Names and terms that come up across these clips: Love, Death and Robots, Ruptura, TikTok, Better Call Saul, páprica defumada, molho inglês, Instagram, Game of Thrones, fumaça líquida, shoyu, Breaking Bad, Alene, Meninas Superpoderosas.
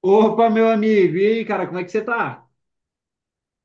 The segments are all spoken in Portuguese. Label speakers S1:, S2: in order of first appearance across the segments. S1: Opa, meu amigo, e aí, cara, como é que você tá?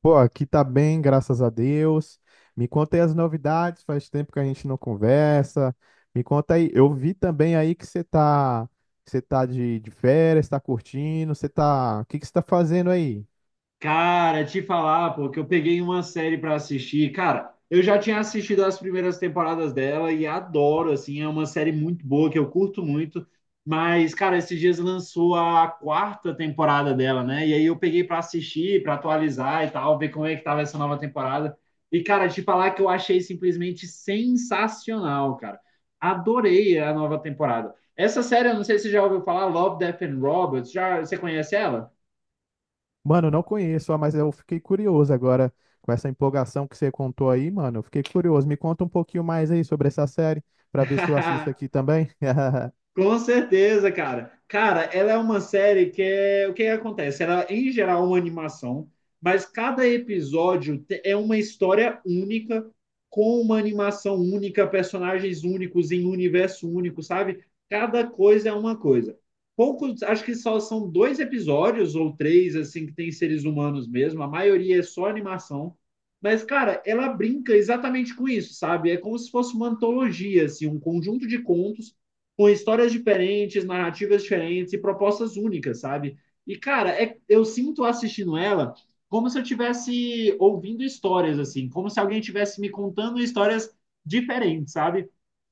S2: Pô, aqui tá bem, graças a Deus. Me conta aí as novidades, faz tempo que a gente não conversa. Me conta aí, eu vi também aí que você tá, que você tá de férias, tá curtindo, você tá, o que que você tá fazendo aí?
S1: Cara, te falar, pô, que eu peguei uma série pra assistir. Cara, eu já tinha assistido as primeiras temporadas dela e adoro, assim, é uma série muito boa que eu curto muito. Mas, cara, esses dias lançou a quarta temporada dela, né? E aí eu peguei pra assistir, pra atualizar e tal, ver como é que tava essa nova temporada. E, cara, te falar que eu achei simplesmente sensacional, cara. Adorei a nova temporada. Essa série, eu não sei se você já ouviu falar, Love, Death and Robots. Já, você conhece ela?
S2: Mano, eu não conheço, ah, mas eu fiquei curioso agora com essa empolgação que você contou aí, mano. Eu fiquei curioso. Me conta um pouquinho mais aí sobre essa série, pra ver se eu assisto aqui também.
S1: Com certeza, cara. Cara, ela é uma série que é o que que acontece? Ela, em geral, é uma animação, mas cada episódio é uma história única, com uma animação única, personagens únicos em um universo único, sabe? Cada coisa é uma coisa. Poucos, acho que só são dois episódios ou três, assim, que tem seres humanos mesmo. A maioria é só animação. Mas, cara, ela brinca exatamente com isso, sabe? É como se fosse uma antologia, assim, um conjunto de contos com histórias diferentes, narrativas diferentes e propostas únicas, sabe? E, cara, é, eu sinto assistindo ela como se eu estivesse ouvindo histórias, assim, como se alguém tivesse me contando histórias diferentes, sabe?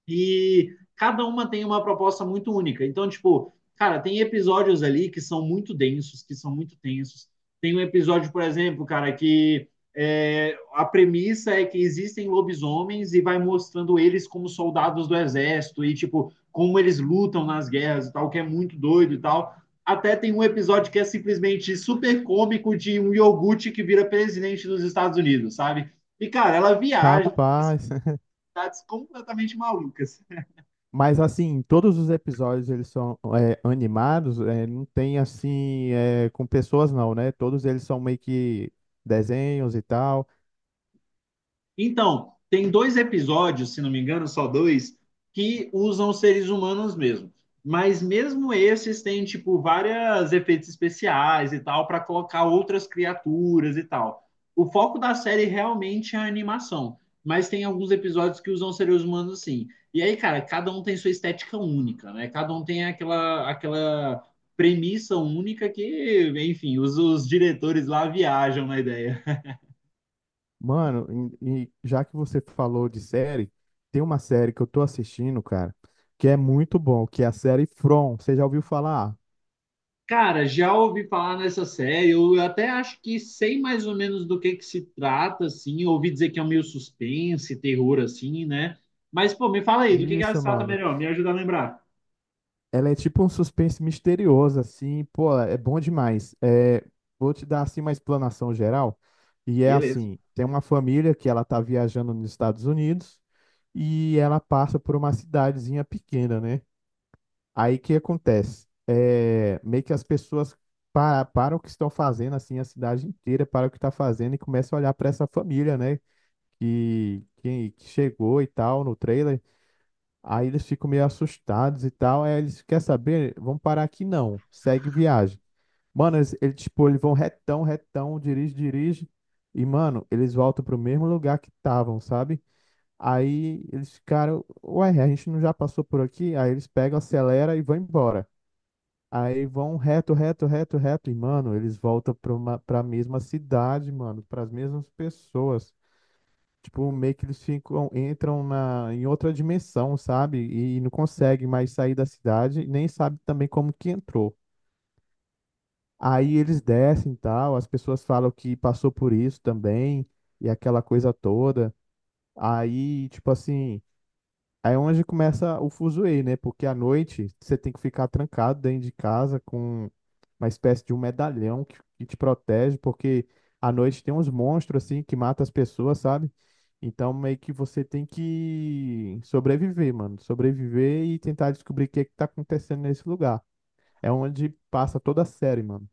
S1: E cada uma tem uma proposta muito única. Então, tipo, cara, tem episódios ali que são muito densos, que são muito tensos. Tem um episódio, por exemplo, cara, que é, a premissa é que existem lobisomens e vai mostrando eles como soldados do exército e, tipo, como eles lutam nas guerras e tal, que é muito doido e tal. Até tem um episódio que é simplesmente super cômico de um iogurte que vira presidente dos Estados Unidos, sabe? E, cara, ela viaja, em
S2: Rapaz.
S1: cidades completamente malucas.
S2: Mas assim, todos os episódios eles são animados, não tem assim com pessoas não, né? Todos eles são meio que desenhos e tal.
S1: Então, tem dois episódios, se não me engano, só dois, que usam seres humanos mesmo. Mas mesmo esses têm, tipo, vários efeitos especiais e tal, para colocar outras criaturas e tal. O foco da série realmente é a animação. Mas tem alguns episódios que usam seres humanos sim. E aí, cara, cada um tem sua estética única, né? Cada um tem aquela, aquela premissa única que, enfim, os diretores lá viajam na ideia.
S2: Mano, e já que você falou de série, tem uma série que eu tô assistindo, cara, que é muito bom, que é a série From. Você já ouviu falar?
S1: Cara, já ouvi falar nessa série, eu até acho que sei mais ou menos do que se trata, assim, eu ouvi dizer que é um meio suspense, terror, assim, né? Mas, pô, me fala aí, do que ela
S2: Isso,
S1: se trata
S2: mano.
S1: melhor, me ajuda a lembrar.
S2: Ela é tipo um suspense misterioso, assim, pô, é bom demais. É, vou te dar, assim, uma explanação geral. E é
S1: Beleza.
S2: assim, tem uma família que ela tá viajando nos Estados Unidos e ela passa por uma cidadezinha pequena, né? Aí o que acontece? É, meio que as pessoas param o que estão fazendo, assim, a cidade inteira para o que está fazendo e começam a olhar para essa família, né? Que chegou e tal no trailer. Aí eles ficam meio assustados e tal. Aí eles, quer saber? Vamos parar aqui não. Segue viagem. Mano, eles, tipo, eles vão retão, retão, dirige, dirige. E, mano, eles voltam pro mesmo lugar que estavam, sabe? Aí eles ficaram, ué, a gente não já passou por aqui? Aí eles pegam, acelera e vão embora. Aí vão reto, reto, reto, reto. E, mano, eles voltam pra mesma cidade, mano, pras mesmas pessoas. Tipo, meio que eles ficam, em outra dimensão, sabe? E não conseguem mais sair da cidade, nem sabe também como que entrou. Aí eles descem e tal, as pessoas falam que passou por isso também, e aquela coisa toda. Aí, tipo assim, aí é onde começa o fuzuê, né? Porque à noite você tem que ficar trancado dentro de casa com uma espécie de um medalhão que te protege, porque à noite tem uns monstros assim que matam as pessoas, sabe? Então meio que você tem que sobreviver, mano. Sobreviver e tentar descobrir o que é que tá acontecendo nesse lugar. É onde passa toda a série, mano.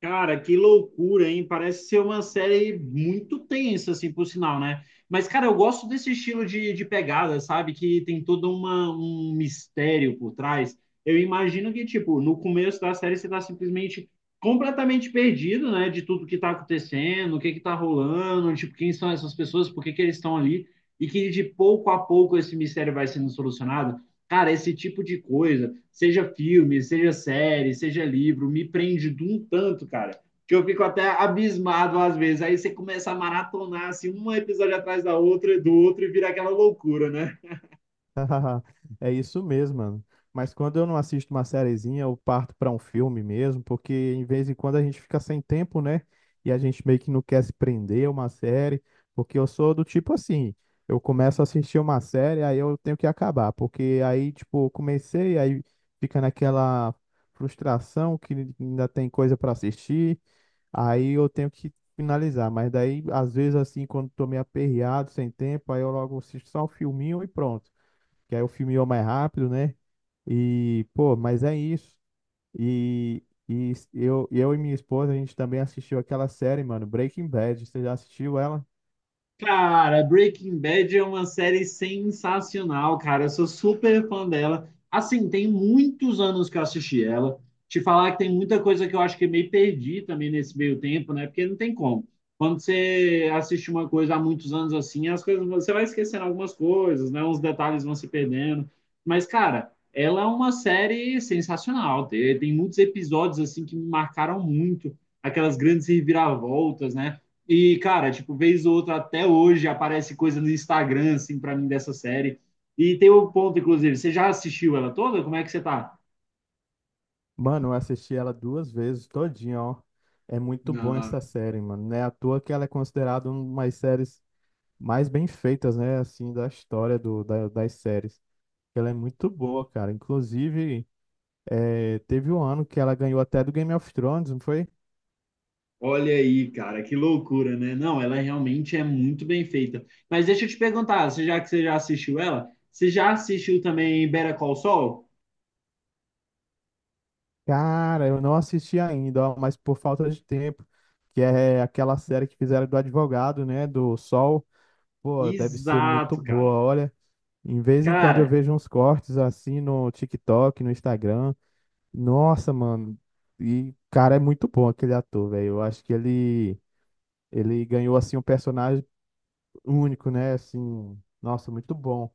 S1: Cara, que loucura, hein? Parece ser uma série muito tensa, assim, por sinal, né? Mas, cara, eu gosto desse estilo de pegada, sabe? Que tem todo uma, um mistério por trás. Eu imagino que, tipo, no começo da série você tá simplesmente completamente perdido, né? De tudo que tá acontecendo, o que que tá rolando, tipo, quem são essas pessoas, por que que eles estão ali. E que de pouco a pouco esse mistério vai sendo solucionado. Cara, esse tipo de coisa, seja filme, seja série, seja livro, me prende de um tanto, cara, que eu fico até abismado às vezes. Aí você começa a maratonar assim, um episódio atrás da outra, do outro, e vira aquela loucura, né?
S2: É isso mesmo, mano. Mas quando eu não assisto uma sériezinha, eu parto pra um filme mesmo, porque em vez em quando a gente fica sem tempo, né? E a gente meio que não quer se prender a uma série, porque eu sou do tipo assim, eu começo a assistir uma série, aí eu tenho que acabar, porque aí, tipo, eu comecei, aí fica naquela frustração que ainda tem coisa pra assistir, aí eu tenho que finalizar. Mas daí, às vezes, assim, quando tô meio aperreado, sem tempo, aí eu logo assisto só um filminho e pronto, que aí o filme ia mais rápido, né? E, pô, mas é isso. E eu e minha esposa, a gente também assistiu aquela série, mano, Breaking Bad. Você já assistiu ela?
S1: Cara, Breaking Bad é uma série sensacional, cara. Eu sou super fã dela. Assim, tem muitos anos que eu assisti ela. Te falar que tem muita coisa que eu acho que meio perdi também nesse meio tempo, né? Porque não tem como. Quando você assiste uma coisa há muitos anos assim, as coisas, você vai esquecendo algumas coisas, né? Uns detalhes vão se perdendo. Mas, cara, ela é uma série sensacional. Tem muitos episódios assim que me marcaram muito, aquelas grandes reviravoltas, né? E, cara, tipo, vez ou outra, até hoje, aparece coisa no Instagram, assim, pra mim, dessa série. E tem um ponto, inclusive, você já assistiu ela toda? Como é que você tá?
S2: Mano, eu assisti ela duas vezes, todinha, ó. É muito bom
S1: Não.
S2: essa série, mano. Não é à toa que ela é considerada uma das séries mais bem feitas, né? Assim, da história das séries. Ela é muito boa, cara. Inclusive, teve um ano que ela ganhou até do Game of Thrones, não foi?
S1: Olha aí, cara, que loucura, né? Não, ela realmente é muito bem feita. Mas deixa eu te perguntar, você já que você já assistiu ela, você já assistiu também Better Call Saul?
S2: Cara, eu não assisti ainda, ó, mas por falta de tempo, que é aquela série que fizeram do advogado, né, do Sol. Pô, deve ser muito
S1: Exato, cara.
S2: boa, olha. Em vez em quando eu
S1: Cara,
S2: vejo uns cortes assim no TikTok, no Instagram. Nossa, mano. E cara, é muito bom aquele ator, velho. Eu acho que ele ganhou assim um personagem único, né? Assim, nossa, muito bom.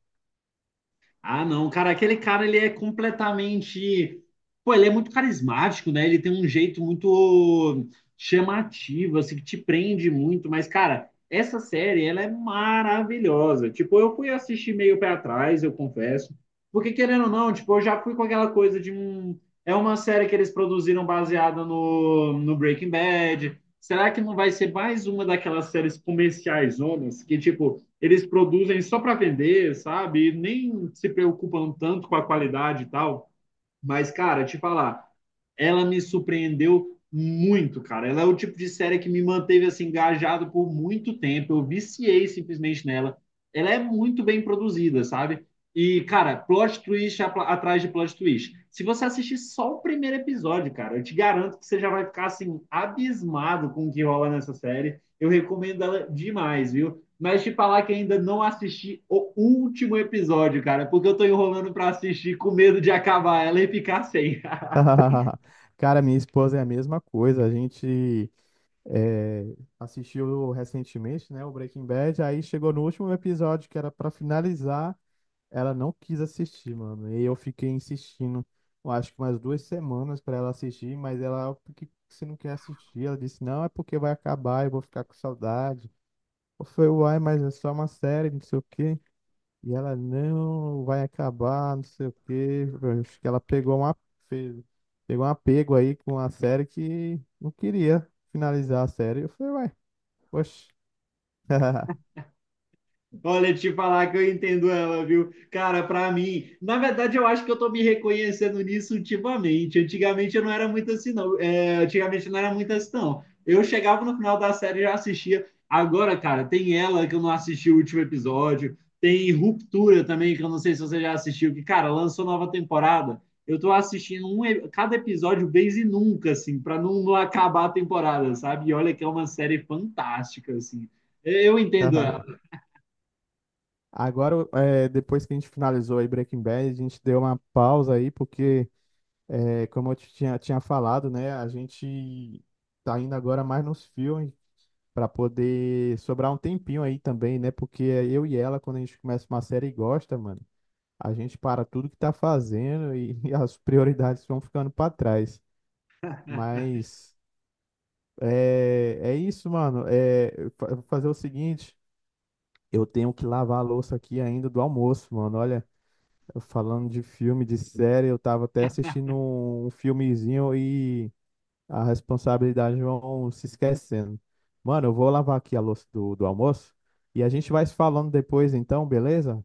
S1: ah, não, cara, aquele cara ele é completamente. Pô, ele é muito carismático, né? Ele tem um jeito muito chamativo, assim, que te prende muito. Mas, cara, essa série, ela é maravilhosa. Tipo, eu fui assistir meio pé atrás, eu confesso. Porque, querendo ou não, tipo, eu já fui com aquela coisa de um. É uma série que eles produziram baseada no Breaking Bad. Será que não vai ser mais uma daquelas séries comerciais, zonas, que, tipo eles produzem só para vender, sabe? E nem se preocupam tanto com a qualidade e tal. Mas, cara, te falar, ela me surpreendeu muito, cara. Ela é o tipo de série que me manteve assim engajado por muito tempo. Eu viciei simplesmente nela. Ela é muito bem produzida, sabe? E, cara, atrás de plot twist. Se você assistir só o primeiro episódio, cara, eu te garanto que você já vai ficar, assim, abismado com o que rola nessa série. Eu recomendo ela demais, viu? Mas te falar que ainda não assisti o último episódio, cara, porque eu tô enrolando pra assistir com medo de acabar ela e ficar sem.
S2: Cara, minha esposa é a mesma coisa. A gente assistiu recentemente, né, o Breaking Bad. Aí chegou no último episódio que era pra finalizar, ela não quis assistir, mano. E eu fiquei insistindo, eu acho que umas duas semanas pra ela assistir, mas ela, "Ah, por que você não quer assistir? Ela disse, não, é porque vai acabar, eu vou ficar com saudade." Eu falei, uai, mas é só uma série, não sei o quê. E ela não vai acabar, não sei o quê. Acho que ela pegou uma, fez- pegou um apego aí com a série que não queria finalizar a série. Eu falei, ué, poxa.
S1: Olha, te falar que eu entendo ela, viu? Cara, pra mim, na verdade, eu acho que eu tô me reconhecendo nisso ultimamente. Antigamente eu não era muito assim, não. É, antigamente eu não era muito assim, não. Eu chegava no final da série e já assistia. Agora, cara, tem ela que eu não assisti o último episódio. Tem Ruptura também, que eu não sei se você já assistiu, que, cara, lançou nova temporada. Eu tô assistindo um, cada episódio vez e nunca, assim, pra não, não acabar a temporada, sabe? E olha que é uma série fantástica, assim. Eu entendo ela.
S2: Agora, é, depois que a gente finalizou aí Breaking Bad, a gente deu uma pausa aí, porque, é, como eu te tinha falado, né, a gente tá indo agora mais nos filmes para poder sobrar um tempinho aí também, né, porque é eu e ela, quando a gente começa uma série, gosta, mano. A gente para tudo que tá fazendo e, e as prioridades vão ficando para trás. Mas é, é isso, mano. É, eu vou fazer o seguinte: eu tenho que lavar a louça aqui ainda do almoço, mano. Olha, eu falando de filme, de série, eu tava até assistindo um, um filmezinho e a responsabilidade vão se esquecendo. Mano, eu vou lavar aqui a louça do almoço e a gente vai se falando depois, então, beleza?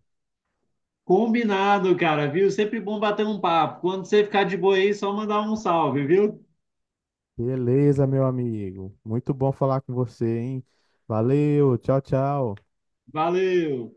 S1: Combinado, cara, viu? Sempre bom bater um papo. Quando você ficar de boa aí, só mandar um salve, viu?
S2: Beleza, meu amigo. Muito bom falar com você, hein? Valeu, tchau, tchau.
S1: Valeu!